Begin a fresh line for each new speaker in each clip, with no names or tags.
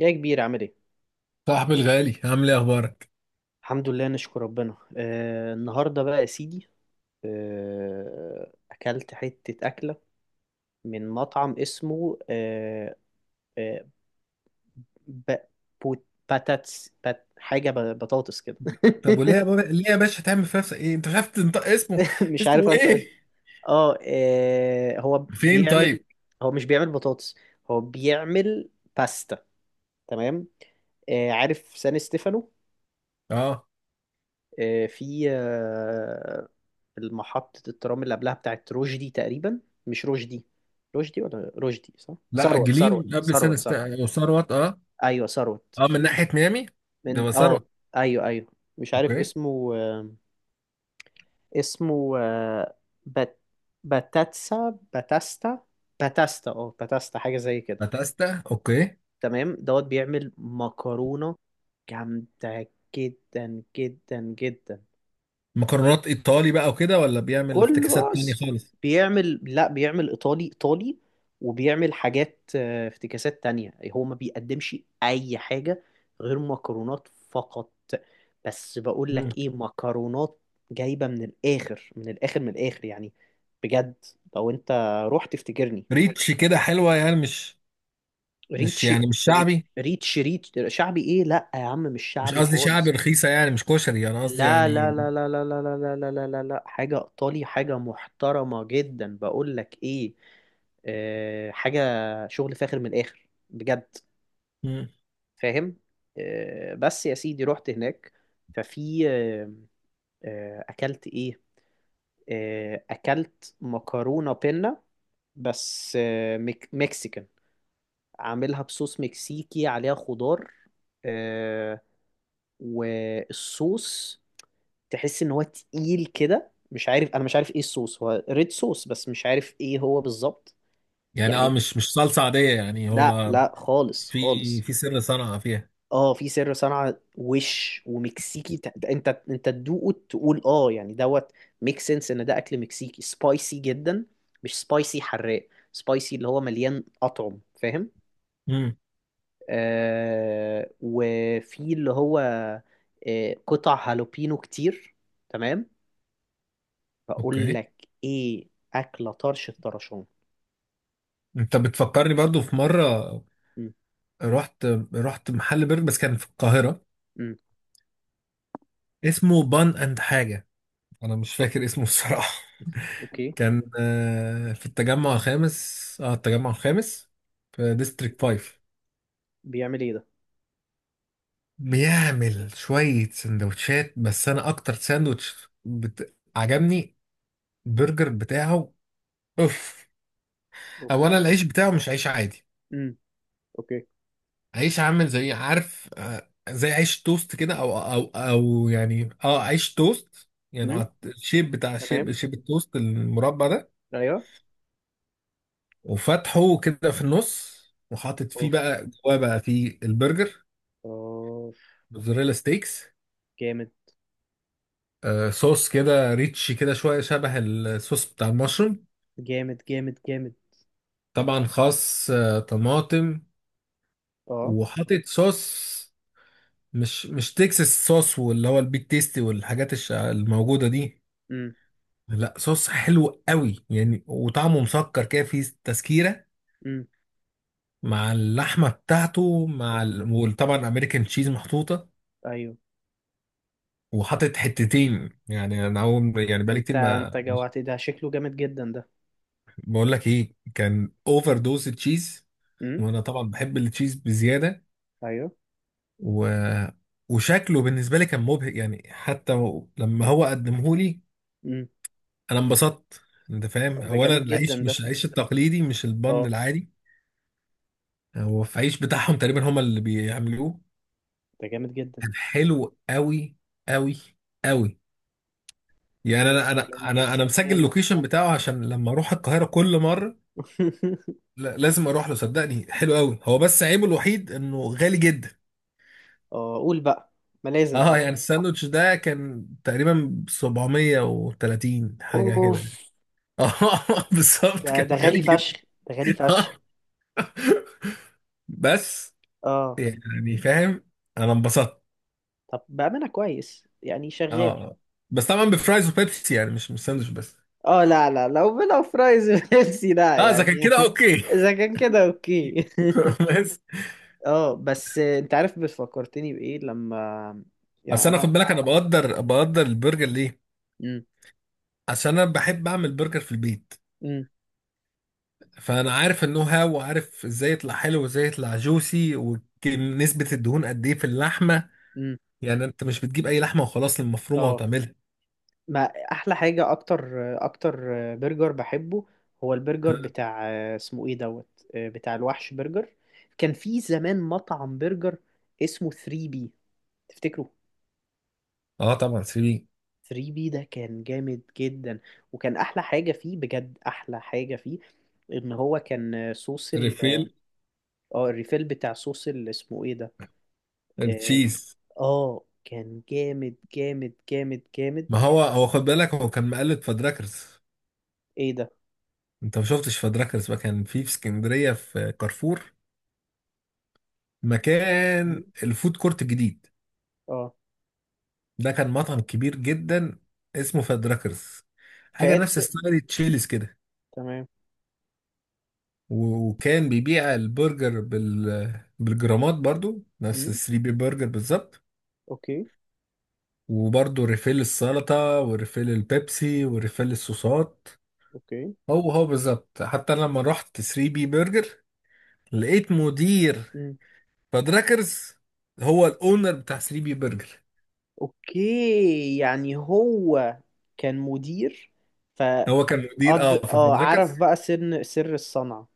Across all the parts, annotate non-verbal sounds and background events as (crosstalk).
يا كبير، عامل ايه؟
صاحبي الغالي عامل ايه اخبارك؟
الحمد لله نشكر ربنا. النهارده بقى يا سيدي، اكلت حتة أكلة من مطعم اسمه آه آه ب... بوت... باتاتس بات... حاجة ب... بطاطس كده (laughs)
طب وليه يا بابا ليه يا باشا تعمل في نفسك ايه؟ انت مش عارف تنطق اسمه؟
مش عارف
اسمه
انت ايه.
ايه؟
هو
فين
بيعمل،
طيب؟
هو مش بيعمل بطاطس، هو بيعمل باستا. تمام. عارف سان ستيفانو؟
اه.
آه في آه، المحطة الترام اللي قبلها بتاعت رشدي تقريبا. مش رشدي، رشدي ولا رشدي؟ صح،
لا،
ثروت ثروت
جليم قبل سنه
ثروت ثروت.
وثروت، اه.
ايوه ثروت،
اه، من
في
ناحيه ميامي. ده
من اه
ثروت.
ايوه ايوه. مش عارف
اوكي.
اسمه، اسمه آه، بات باتاتسا باتاستا، باتاستا باتاستا، حاجة زي كده.
باتاستا، اوكي.
تمام دوت، بيعمل مكرونة جامدة جدا جدا جدا.
مكرونات ايطالي بقى وكده، ولا بيعمل
كل
افتكاسات تانية
باص ك-
خالص؟
بيعمل، لا بيعمل ايطالي ايطالي، وبيعمل حاجات، افتكاسات تانية. هو ما بيقدمش اي حاجة غير مكرونات فقط. بس بقول
مم.
لك ايه، مكرونات جايبة من الاخر من الاخر من الاخر يعني، بجد. لو انت رحت تفتكرني
ريتش كده حلوه، يعني مش،
ريتش.
يعني مش
ري-
شعبي.
ريتش ريتش شعبي ايه، لا يا عم مش
مش
شعبي
قصدي شعبي
خالص.
رخيصه، يعني مش كشري، انا قصدي
لا
يعني.
لا لا لا لا لا لا لا لا لا لا لا، حاجة إيطالي، حاجة محترمة جدا. بقول لك إيه، آه حاجة شغل فاخر من الآخر بجد،
مم.
فاهم؟ بس يا سيدي، رحت هناك، ففي أكلت إيه؟ أكلت مكرونة بينا، بس آه مك مكسيكان، عاملها بصوص مكسيكي، عليها خضار. آه والصوص تحس ان هو تقيل كده، مش عارف، انا مش عارف ايه الصوص، هو ريد صوص بس مش عارف ايه هو بالظبط.
يعني
يعني
مش صلصه عاديه، يعني
لا
هو
لا خالص
في
خالص.
في سر صنعه فيها.
اه في سر صنعة وش ومكسيكي. انت تدوقه تقول اه، يعني دوت ميك سنس ان ده اكل مكسيكي سبايسي جدا. مش سبايسي حراق، سبايسي اللي هو مليان اطعم، فاهم؟
امم.
وفي اللي هو قطع هالوبينو كتير. تمام. هقول
اوكي.
لك ايه، اكله طرش الطرشان.
انت بتفكرني برضو في مره
امم
رحت رحت محل برجر، بس كان في القاهره،
امم
اسمه بان اند حاجه، انا مش فاكر اسمه الصراحه. (laughs)
اوكي.
كان في التجمع الخامس، التجمع الخامس، في ديستريكت 5.
بيعمل ايه ده؟
بيعمل شويه سندوتشات، بس انا اكتر ساندوتش عجبني البرجر بتاعه. اوف. اولا
اوبا.
العيش بتاعه مش عيش عادي،
امم اوكي.
عيش عامل زي، عارف، زي عيش توست كده، او يعني عيش توست، يعني
امم
الشيب بتاع الشيب
تمام.
شيب التوست المربع ده.
ايوه.
وفتحه كده في النص، وحاطط فيه
اوف،
بقى، جواه بقى فيه البرجر،
اوف.
موزاريلا ستيكس،
جامد
صوص كده ريتش كده شويه، شبه الصوص بتاع المشروم.
جامد جامد جامد.
طبعا خس، طماطم،
اه.
وحاطط صوص، مش تكساس صوص، واللي هو البيك تيستي والحاجات الموجوده دي.
امم
لا، صوص حلو قوي يعني، وطعمه مسكر كده، فيه تسكيرة،
امم
مع اللحمة بتاعته مع
أوف.
وطبعا امريكان تشيز محطوطة.
ايوه.
وحاطط حتتين، يعني انا اول، يعني بقالي
انت
كتير ما...
جوعت، ده شكله جامد جدا ده.
بقول لك ايه، كان اوفر دوز تشيز،
امم
وانا طبعا بحب التشيز بزيادة.
ايوه.
و... وشكله بالنسبة لي كان مبهج، يعني حتى لما هو قدمه لي،
امم
انا انبسطت. انت فاهم،
طب ده
اولا
جامد جدا
العيش
ده،
مش العيش التقليدي، مش البن
اه.
العادي، هو في عيش بتاعهم تقريبا، هما اللي بيعملوه.
ده جامد جدا.
كان حلو قوي، قوي، قوي. يعني
يا
انا انا
سلام يا
انا انا مسجل
سلام
اللوكيشن بتاعه، عشان لما اروح القاهره كل مره،
(laughs)
لا، لازم اروح له، صدقني حلو قوي، هو بس عيبه الوحيد انه غالي جدا.
اه قول بقى، ما لازم
اه
طبعا.
يعني الساندوتش ده كان تقريبا 730 حاجه كده
اوف،
يعني. (laughs) اه، بالظبط،
ده ده
كان غالي
غالي
جدا.
فشخ، ده غالي
(laughs)
فشخ.
آه. بس
اه،
يعني، فاهم، انا انبسطت.
طب بأمانة كويس يعني شغال.
اه بس طبعا بفرايز وبيبسي، يعني مش ساندوتش بس.
اه لا لا، لو لو فرايز بيبسي لا
اه، اذا
يعني
كان كده
(laughs)
اوكي.
اذا كان كده اوكي (laughs)
(laughs) بس.
اه بس انت عارف، بس فكرتني بايه لما، يعني
اصل انا،
انا.
خد بالك، انا بقدر
امم
بقدر البرجر ليه، عشان انا بحب اعمل برجر في البيت،
امم
فانا عارف النو هاو، وعارف ازاي يطلع حلو وازاي يطلع جوسي، ونسبة الدهون قد ايه في اللحمة،
امم
يعني انت مش بتجيب اي لحمة وخلاص المفرومة
اه،
وتعملها.
ما احلى حاجه، اكتر اكتر برجر بحبه هو البرجر بتاع، اسمه ايه دوت، بتاع الوحش برجر. كان في زمان مطعم برجر اسمه 3 بي، تفتكره؟
اه طبعا، سيبي،
3 بي ده كان جامد جدا، وكان احلى حاجه فيه، بجد احلى حاجه فيه، ان هو كان صوص ال،
ريفيل
اه الريفيل بتاع صوص ال-، اسمه ايه ده؟ اه.
التشيز،
كان جامد جامد جامد جامد.
ما هو خد بالك، هو كان مقلد فدراكرز.
ايه ده؟
انت ما شفتش فدراكرز بقى، كان في اسكندرية في كارفور،
م?
مكان الفود كورت الجديد.
اه
ده كان مطعم كبير جدا، اسمه فادراكرز، حاجة
فاد،
نفس ستايل تشيلز كده.
تمام.
وكان بيبيع البرجر بالجرامات، برضو نفس
م?
الثري بي برجر بالظبط،
اوكي.
وبرضو ريفيل السلطة وريفيل البيبسي وريفيل الصوصات.
اوكي.
هو بالظبط، حتى أنا لما رحت 3 بي برجر، لقيت مدير
م.
فادراكرز هو الاونر بتاع 3 بي برجر،
اوكي، يعني هو كان مدير
هو كان مدير
فقد.
في
اه عرف
فادراكرز.
بقى سر سر الصنعة،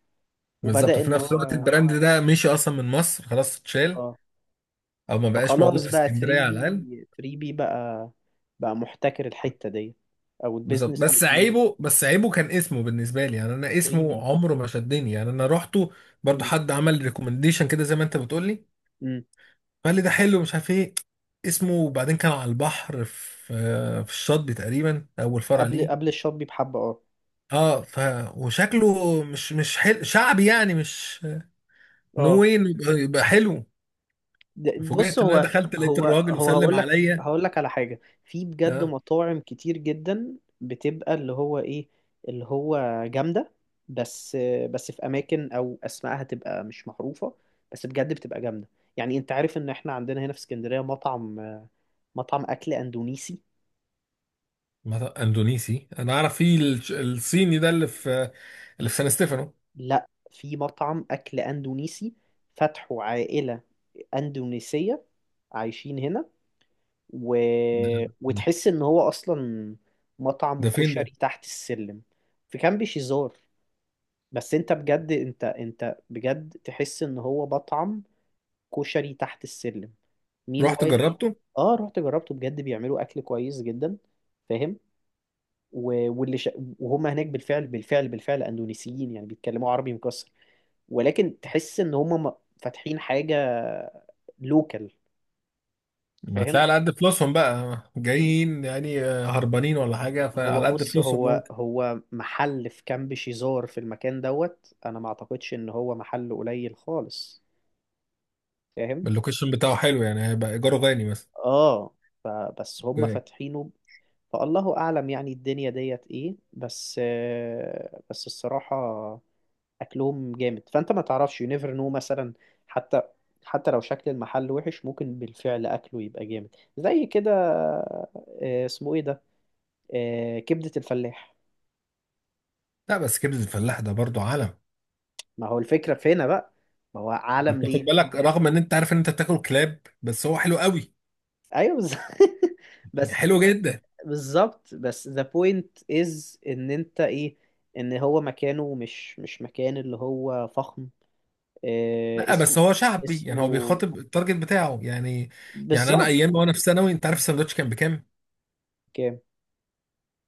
بالظبط،
وبدأ
في
ان
نفس الوقت
هو.
البراند ده مشي اصلا من مصر، خلاص اتشال،
اه
او ما بقاش موجود
فخلاص
في
بقى
اسكندريه
3
على الاقل.
بي، 3 بي بقى، بقى محتكر الحتة دي، او
بالظبط،
البيزنس
بس
موديول.
عيبه بس عيبه كان اسمه، بالنسبه لي يعني، انا
3
اسمه
بي.
عمره ما شدني، يعني انا رحته برضو، حد عمل ريكومنديشن كده زي ما انت بتقول لي،
امم
فقال لي ده حلو، مش عارف ايه اسمه. وبعدين كان على البحر، في الشاطبي تقريبا، اول فرع
قبل
ليه.
قبل الشوبي بحبة اه،
اه ف وشكله مش شعبي، يعني مش،
اه.
نو واي إنه يبقى حلو.
بص،
فوجئت ان انا
هو
دخلت لقيت الراجل وسلم
هقول لك،
عليا.
هقول لك على حاجة. في بجد
آه.
مطاعم كتير جدا بتبقى اللي هو ايه، اللي هو جامدة، بس بس في اماكن او اسمائها تبقى مش معروفة، بس بجد بتبقى جامدة. يعني انت عارف ان احنا عندنا هنا في اسكندرية مطعم اكل اندونيسي.
مثلا اندونيسي، انا اعرف فيه الصيني ده اللي في سان ستيفانو.
لا، في مطعم أكل أندونيسي، فتحه عائلة أندونيسية عايشين هنا، و...
ده ده
وتحس إن هو أصلا مطعم
ده فين
كشري
ده؟
تحت السلم، في كامب شيزار. بس أنت بجد، أنت بجد تحس إن هو مطعم كشري تحت السلم. مين
رحت
وايل،
جربته.
رحت جربته بجد، بيعملوا أكل كويس جدا، فاهم؟ و... واللي ش... وهم هناك بالفعل بالفعل بالفعل أندونيسيين، يعني بيتكلموا عربي مكسر، ولكن تحس ان هم فاتحين حاجه لوكال،
ما هتلاقي،
فاهم؟
على قد فلوسهم بقى جايين يعني، هربانين ولا حاجه،
هو
فعلى قد
بص
فلوسهم
هو
ممكن.
هو محل في كامب شيزار، في المكان دوت انا ما اعتقدش ان هو محل قليل خالص، فاهم؟
اللوكيشن بتاعه حلو، يعني هيبقى ايجاره غالي مثلا.
اه فبس هم
اوكي.
فاتحينه. فالله اعلم يعني الدنيا ديت ايه، بس بس الصراحه اكلهم جامد. فانت ما تعرفش، يو نيفر نو، مثلا حتى لو شكل المحل وحش، ممكن بالفعل اكله يبقى جامد زي كده. اسمه ايه ده؟ كبدة الفلاح.
لا بس كبده الفلاح ده برضو عالم.
ما هو الفكرة في هنا بقى، ما هو
انت
عالم
بتاخد
ليه.
بالك، رغم ان انت عارف ان انت بتاكل كلاب، بس هو حلو قوي،
ايوه (laughs) بس.
حلو جدا.
بالظبط، بس the point is ان انت ايه، ان هو مكانه مش مش مكان اللي هو فخم. آه،
لا
اسم
بس هو شعبي، يعني هو
اسمه.
بيخاطب التارجت بتاعه يعني. يعني انا،
بالظبط.
ايام وانا في ثانوي، انت عارف الساندوتش كان بكام؟
كام؟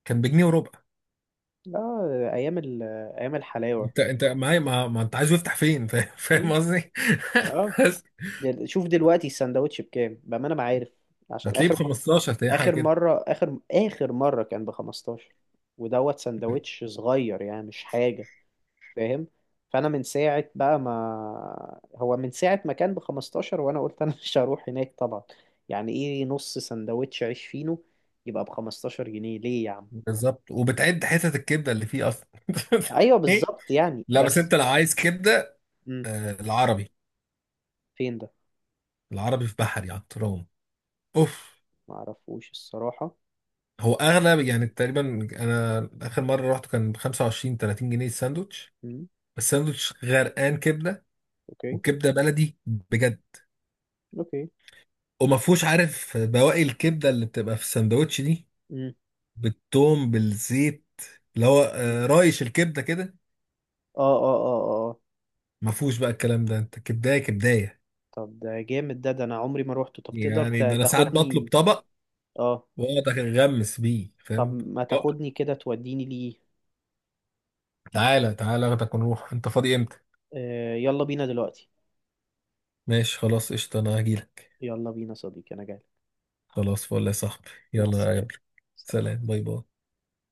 كان بجنيه وربع.
اه، ايام الحلاوة.
انت معايا، ما انت عايز يفتح فين؟ (laughs) فاهم، فاهم
مم.
قصدي.
اه،
بس
شوف دلوقتي السندوتش بكام، بأمانة ما عارف. عشان
هتلاقيه ب 15، تلاقيه حاجه
آخر
كده.
مرة، آخر مرة كان ب 15، ودوت سندوتش صغير يعني مش حاجة، فاهم؟ فأنا من ساعة بقى، ما هو من ساعة ما كان ب 15 وأنا قلت أنا (laughs) مش هروح هناك طبعا. يعني إيه نص سندوتش عيش فينو يبقى ب 15 جنيه ليه يا عم؟
بالظبط، وبتعد حتت الكبده اللي فيه اصلا.
أيوه بالظبط، يعني
(laughs) لا بس
بس.
انت لو عايز كبده،
مم.
العربي،
فين ده؟
العربي في بحري على الترام. اوف.
معرفوش الصراحة.
هو
بس.
اغلى، يعني تقريبا انا اخر مره رحت كان ب 25، 30 جنيه الساندوتش.
مم.
بس الساندوتش غرقان كبده،
أوكي.
والكبده بلدي بجد،
أوكي.
وما فيهوش، عارف، بواقي الكبده اللي بتبقى في الساندوتش دي،
مم.
بالثوم بالزيت، اللي هو رايش الكبده كده.
اه اه اه اه اه.
ما فيهوش بقى الكلام ده، انت كبدايه كبدايه.
طب ده جامد ده، ده انا عمري ما روحته. طب تقدر
يعني ده انا ساعات بطلب
تاخدني؟
طبق
اه.
واقعد اغمس بيه،
طب
فاهم.
ما
لا،
تاخدني كده، توديني ليه؟
تعالى تعالى اخدك ونروح، انت فاضي امتى؟
آه يلا بينا دلوقتي.
ماشي، خلاص قشطه، انا هجيلك.
يلا بينا صديقي، انا جاي.
خلاص، فل يا صاحبي،
مع
يلا
السلامة.
اقابلك. سلام، باي باي.